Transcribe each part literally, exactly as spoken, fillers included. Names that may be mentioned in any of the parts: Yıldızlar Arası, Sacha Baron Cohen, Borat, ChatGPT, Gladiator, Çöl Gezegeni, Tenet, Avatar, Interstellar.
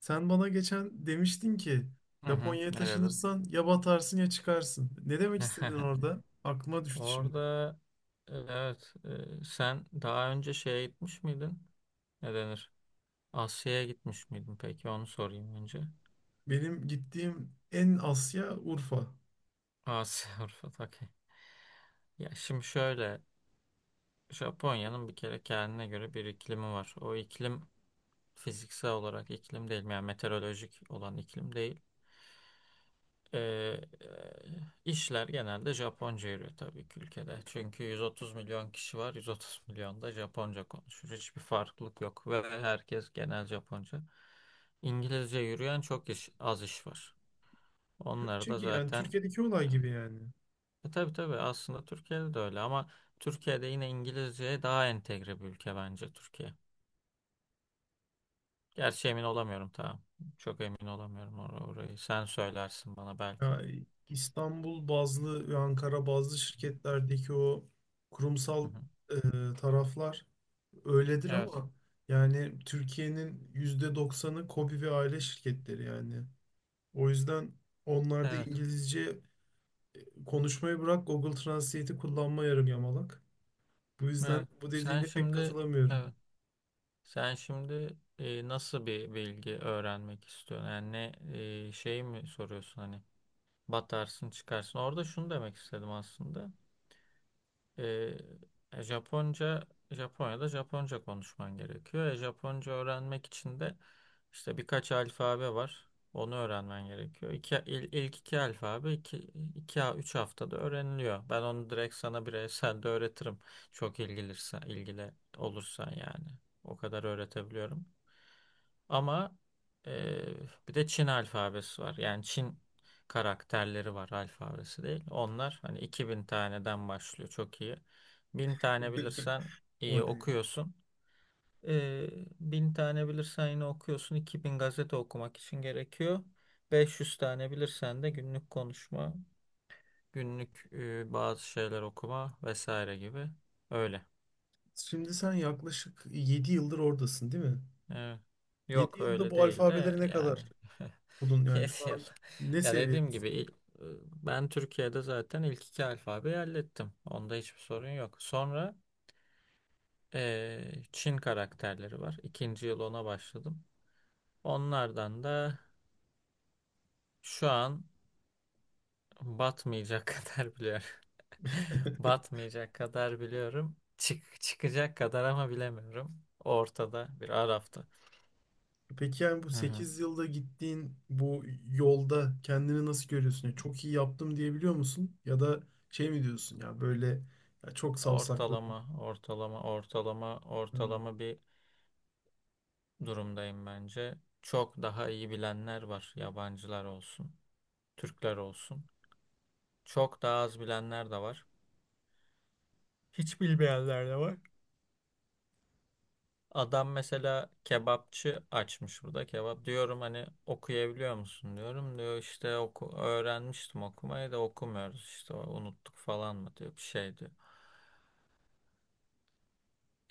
Sen bana geçen demiştin ki Hı hı, Japonya'ya ne dedim? taşınırsan ya batarsın ya çıkarsın. Ne demek istedin orada? Aklıma düştü şimdi. Orada e, evet. e, sen daha önce şeye gitmiş miydin? Ne denir? Asya'ya gitmiş miydin peki? Onu sorayım önce. Benim gittiğim en Asya Urfa. Asya Avrupa okey. Ya şimdi şöyle, Japonya'nın bir kere kendine göre bir iklimi var. O iklim fiziksel olarak iklim değil, yani meteorolojik olan iklim değil. Ee, işler genelde Japonca yürüyor tabii ki ülkede. Çünkü yüz otuz milyon kişi var. yüz otuz milyon da Japonca konuşur. Hiçbir farklılık yok ve herkes genel Japonca. İngilizce yürüyen çok iş, az iş var. Onlar Türkçe da ki yani zaten Türkiye'deki olay evet. gibi yani. e, tabii tabii, aslında Türkiye'de de öyle ama Türkiye'de yine İngilizceye daha entegre bir ülke bence Türkiye. Gerçi emin olamıyorum, tamam. Çok emin olamıyorum or- orayı. Sen söylersin bana belki. Ya İstanbul bazlı ve Ankara bazlı şirketlerdeki o Hı kurumsal hı. e, taraflar öyledir Evet. ama yani Türkiye'nin yüzde doksanı KOBİ ve aile şirketleri yani. O yüzden onlarda Evet. İngilizce konuşmayı bırak, Google Translate'i kullanma yarım yamalak. Bu yüzden Evet. bu Sen dediğine pek şimdi katılamıyorum. evet. Sen şimdi e, nasıl bir bilgi öğrenmek istiyorsun? Yani ne, e, şey mi soruyorsun, hani batarsın çıkarsın. Orada şunu demek istedim aslında. Ee, e, Japonca Japonya'da Japonca konuşman gerekiyor. E, Japonca öğrenmek için de işte birkaç alfabe var. Onu öğrenmen gerekiyor. İki, il- ilk iki alfabe iki, iki, üç haftada öğreniliyor. Ben onu direkt sana bireysel de öğretirim. Çok ilgilirsen, ilgili olursan yani. O kadar öğretebiliyorum. Ama eee, bir de Çin alfabesi var. Yani Çin karakterleri var, alfabesi değil. Onlar hani iki bin taneden başlıyor, çok iyi. bin tane bilirsen O iyi ne ya? okuyorsun. Eee bin tane bilirsen yine okuyorsun. iki bin gazete okumak için gerekiyor. beş yüz tane bilirsen de günlük konuşma, günlük eee, bazı şeyler okuma vesaire gibi. Öyle. Şimdi sen yaklaşık yedi yıldır oradasın değil mi? Evet. Yedi Yok yılda öyle bu değil de alfabeleri ne yani, kadar buldun, yani yedi şu yıl. an ne Ya dediğim seviyedesin? gibi il- e, ben Türkiye'de zaten ilk iki alfabeyi hallettim. Onda hiçbir sorun yok. Sonra eee, Çin karakterleri var. İkinci yıl ona başladım. Onlardan da şu an batmayacak kadar biliyorum. Batmayacak kadar biliyorum. Çık, çıkacak kadar ama bilemiyorum. Ortada, bir arafta. Peki yani bu Hı hı. sekiz yılda gittiğin bu yolda kendini nasıl görüyorsun? Yani çok iyi yaptım diyebiliyor musun? Ya da şey mi diyorsun, ya böyle ya çok savsakladım. Ortalama, ortalama, ortalama, Ha, ortalama bir durumdayım bence. Çok daha iyi bilenler var. Yabancılar olsun, Türkler olsun. Çok daha az bilenler de var. Hiç bilmeyenler de var. Adam mesela kebapçı açmış burada, kebap. Diyorum hani okuyabiliyor musun diyorum. Diyor işte oku öğrenmiştim okumayı da okumuyoruz işte unuttuk falan mı diyor bir şey diyor.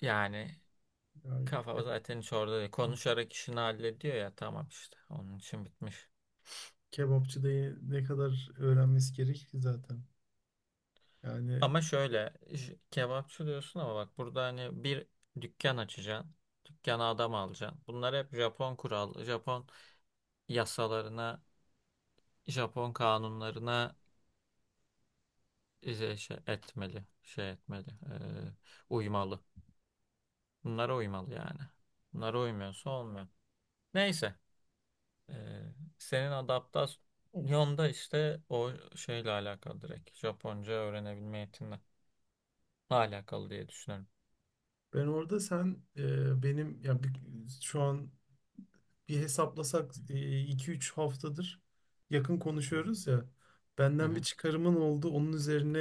Yani yani kafa zaten hiç orada değil. Konuşarak işini hallediyor ya, tamam işte onun için bitmiş. kebapçıda ne kadar öğrenmesi gerek ki zaten. Yani Ama şöyle, j- kebapçı diyorsun ama bak burada hani bir dükkan açacaksın. Dükkana adam alacaksın. Bunlar hep Japon kural, Japon yasalarına, Japon kanunlarına e, şey, şey etmeli, şey etmeli, eee, uymalı. Bunlara uymalı yani. Bunlara uymuyorsa olmuyor. Neyse, eee, senin adaptasyonda işte o şeyle alakalı direkt. Japonca öğrenebilme yetinle alakalı diye düşünüyorum. ben orada sen e, benim ya bir- şu an bir hesaplasak e, iki üç haftadır yakın Hı hı. konuşuyoruz ya. Hı Benden bir hı. çıkarımın oldu. Onun üzerine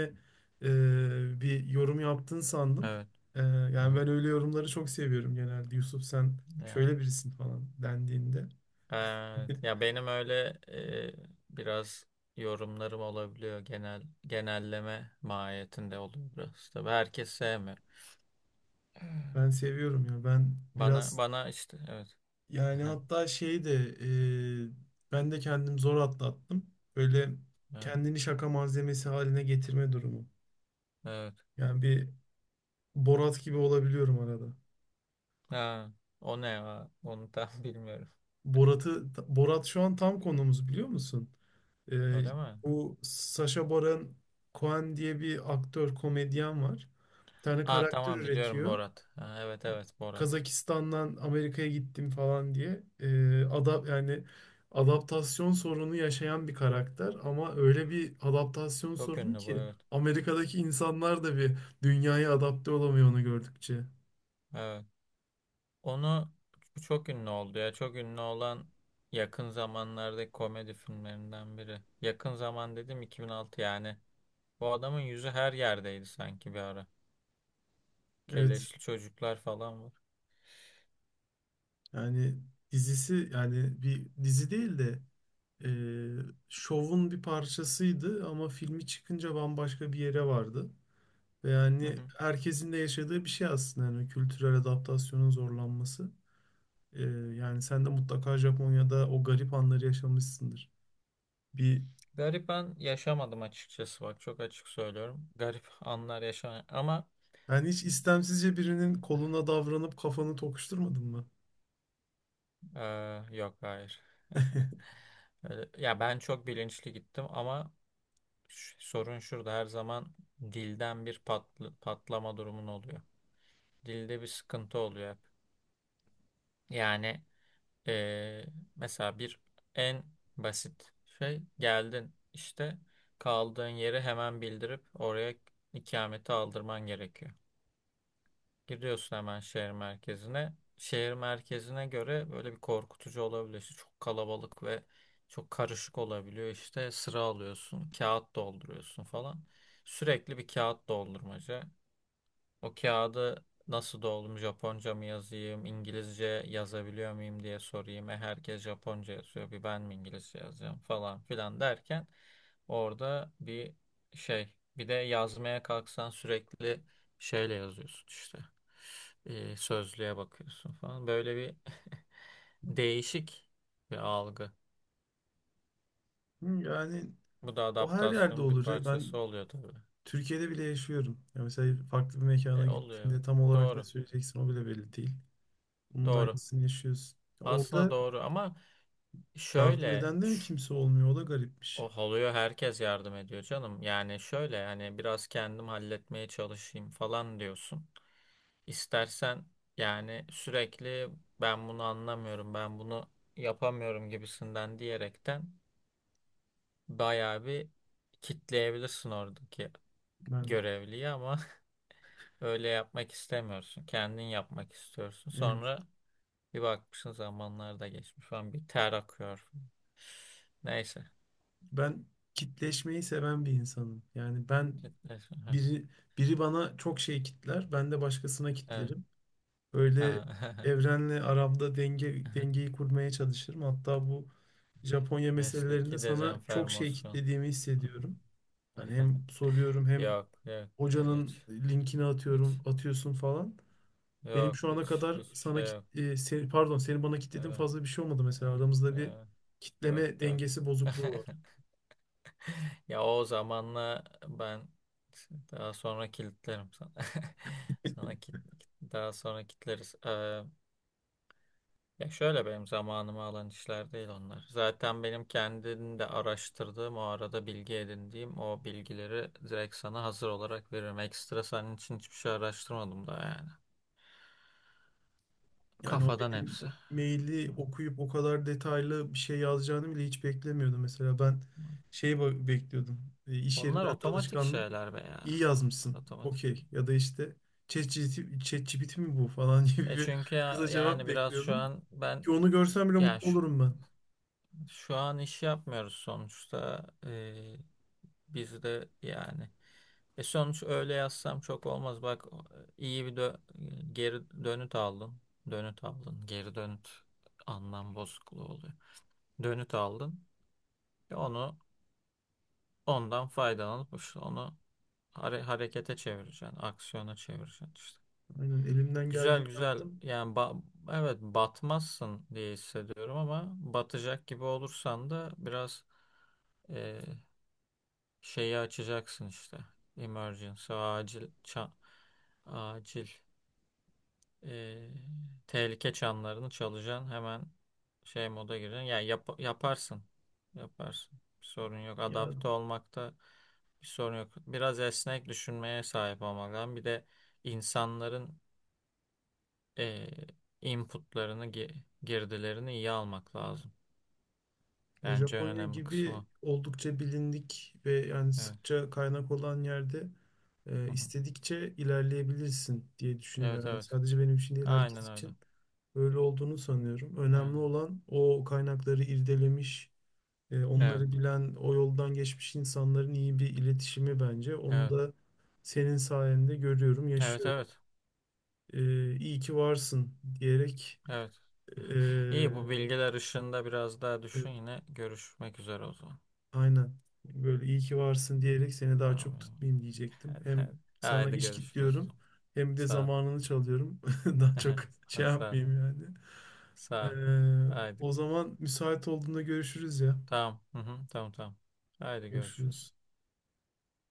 e, bir yorum yaptın sandım. Evet. E, Hı yani hı. ben öyle yorumları çok seviyorum genelde. Yusuf sen Ee, şöyle birisin falan dendiğinde. evet. Ya benim öyle, e, biraz yorumlarım olabiliyor, genel genelleme mahiyetinde oluyor biraz. Tabii herkes sevmiyor. Ben seviyorum ya. Ben Bana biraz bana işte evet. yani hatta şey de e, ben de kendim zor atlattım. Böyle Evet. kendini şaka malzemesi haline getirme durumu. Evet. Yani bir Borat gibi olabiliyorum arada. Ha, o ne ya? Onu tam bilmiyorum. Borat'ı Borat şu an tam konumuz, biliyor musun? E, Öyle mi? bu Sacha Baron Cohen diye bir aktör komedyen var. Bir tane Aa karakter tamam, biliyorum üretiyor. Borat. Ha, evet evet, Borat. Kazakistan'dan Amerika'ya gittim falan diye e, ada yani adaptasyon sorunu yaşayan bir karakter, ama öyle bir adaptasyon Çok sorunu ünlü bu, ki evet. Amerika'daki insanlar da bir dünyaya adapte olamıyor onu gördükçe. Evet. Onu, bu çok ünlü oldu ya. Çok ünlü olan yakın zamanlardaki komedi filmlerinden biri. Yakın zaman dedim, iki bin altı yani. Bu adamın yüzü her yerdeydi sanki bir ara. Evet, Keleşli çocuklar falan var. yani dizisi, yani bir dizi değil de e, şovun bir parçasıydı ama filmi çıkınca bambaşka bir yere vardı. Ve Hı yani hı. herkesin de yaşadığı bir şey aslında, yani kültürel adaptasyonun zorlanması. Ee, yani sen de mutlaka Japonya'da o garip anları yaşamışsındır. Bir Garip an yaşamadım açıkçası, bak çok açık söylüyorum. Garip anlar yaşamadım ama Yani hiç istemsizce birinin koluna davranıp kafanı tokuşturmadın mı? eee, yok, hayır. Öyle- Ya ben çok bilinçli gittim ama ş- sorun şurada, her zaman dilden bir patl- patlama durumun oluyor. Dilde bir sıkıntı oluyor hep. Yani Ee, mesela bir en basit şey, geldin işte, kaldığın yeri hemen bildirip oraya ikameti aldırman gerekiyor. Giriyorsun hemen şehir merkezine. Şehir merkezine göre böyle bir korkutucu olabiliyor. İşte çok kalabalık ve çok karışık olabiliyor. İşte sıra alıyorsun, kağıt dolduruyorsun falan. Sürekli bir kağıt doldurmaca. O kağıdı nasıl doldum? Japonca mı yazayım? İngilizce yazabiliyor muyum diye sorayım. E herkes Japonca yazıyor. Bir ben mi İngilizce yazacağım falan filan derken orada bir şey. Bir de yazmaya kalksan sürekli şeyle yazıyorsun işte. E, sözlüğe bakıyorsun falan. Böyle bir değişik bir algı. Hı, yani Bu da o her yerde adaptasyonun bir olur ya. parçası Ben oluyor tabii. Türkiye'de bile yaşıyorum. Ya mesela farklı bir E, mekana oluyor gittiğinde evet. tam olarak ne Doğru. söyleyeceksin o bile belli değil. Bunun da Doğru. aynısını yaşıyorsun. Ya, Aslında orada doğru ama yardım Şöyle, eden de mi şu- kimse olmuyor? O da garipmiş. o oluyor, herkes yardım ediyor canım. Yani şöyle, yani biraz kendim halletmeye çalışayım falan diyorsun. İstersen yani sürekli ben bunu anlamıyorum, ben bunu yapamıyorum gibisinden diyerekten bayağı bir kitleyebilirsin oradaki Ben görevliyi ama öyle yapmak istemiyorsun. Kendin yapmak istiyorsun. evet. Sonra bir bakmışsın zamanlar da geçmiş falan, bir ter akıyor. Neyse. Ben kitleşmeyi seven bir insanım. Yani ben, Kitlesin. Biri, biri bana çok şey kitler, ben de başkasına Evet. kitlerim. Böyle Aha. evrenle aramda denge, dengeyi kurmaya çalışırım. Hatta bu Japonya meselelerinde Mesleki sana çok şey dezenformasyon. kitlediğimi hissediyorum. Hani hem soruyorum, hem Yok, yok, yok, hocanın hiç, linkini hiç. atıyorum, atıyorsun falan. Benim Yok, şu ana hiç, kadar hiçbir sana şey kit- yok. e, seni, pardon seni bana kitlediğim Evet, fazla bir şey olmadı mesela. Aramızda bir evet, yok, kitleme yok. dengesi bozukluğu var. Ya o zamanla ben daha sonra kilitlerim sana. Sana kit, kit- daha sonra kilitleriz. Ee, Ya şöyle, benim zamanımı alan işler değil onlar. Zaten benim kendim de araştırdığım, o arada bilgi edindiğim o bilgileri direkt sana hazır olarak veririm. Ekstra senin için hiçbir şey araştırmadım da yani. Yani o Kafadan benim hepsi. Hı, maili okuyup o kadar detaylı bir şey yazacağını bile hiç beklemiyordum. Mesela ben hı. şey ba- bekliyordum. E, iş Onlar yerinden de otomatik alışkanlık. şeyler be ya. İyi Onlar yazmışsın. otomatik şey. Okey. Ya da işte ChatGPT ChatGPT mi bu falan gibi E bir çünkü kısa ya- cevap yani biraz şu bekliyordum. an ben, Ki onu görsem bile yani mutlu şu, olurum ben. şu an iş yapmıyoruz sonuçta. Bizde yani. E sonuç öyle yazsam çok olmaz. Bak iyi bir dö- geri dönüt aldın. Dönüt aldın. Geri dönüt anlam bozukluğu oluyor. Dönüt aldın. E onu, ondan faydalanıp işte onu hare- harekete çevireceksin. Aksiyona çevireceksin işte. Aynen elimden Güzel geldiğini güzel yaptım. yani ba- evet, batmazsın diye hissediyorum ama batacak gibi olursan da biraz e, şeyi açacaksın işte. Emergency, acil, ça- acil, e, tehlike çanlarını çalacaksın. Hemen şey moda gireceksin. Yani yap- yaparsın. Yaparsın. Bir sorun yok. Ya Adapte olmakta bir sorun yok. Biraz esnek düşünmeye sahip olmak lazım. Bir de insanların e, inputlarını, gi- girdilerini iyi almak lazım. E, Bence en Japonya önemli kısmı gibi o. oldukça bilindik ve yani Evet. sıkça kaynak olan yerde e, Hı hı. istedikçe ilerleyebilirsin diye Evet düşünüyorum. Yani evet. sadece benim için değil, Aynen herkes öyle. için öyle olduğunu sanıyorum. Önemli Aynen. olan o kaynakları irdelemiş, e, Evet. onları bilen, o yoldan geçmiş insanların iyi bir iletişimi bence. Onu Evet. da senin sayende görüyorum, Evet yaşıyorum. evet. E, iyi ki varsın diyerek Evet. e, İyi, bu bilgiler ışığında biraz daha e, düşün, yine görüşmek üzere o zaman. aynen. Böyle iyi ki varsın diyerek seni daha çok Tamam. tutmayayım diyecektim. Hadi, Hem hadi. sana Haydi iş git görüşürüz o diyorum zaman. hem de Sağ ol. zamanını çalıyorum. Daha çok şey Sağ ol. yapmayayım yani. Ee, Sağ ol. Haydi. O zaman müsait olduğunda görüşürüz ya. Tamam. Hı hı. Tamam tamam. Haydi görüşürüz. Görüşürüz.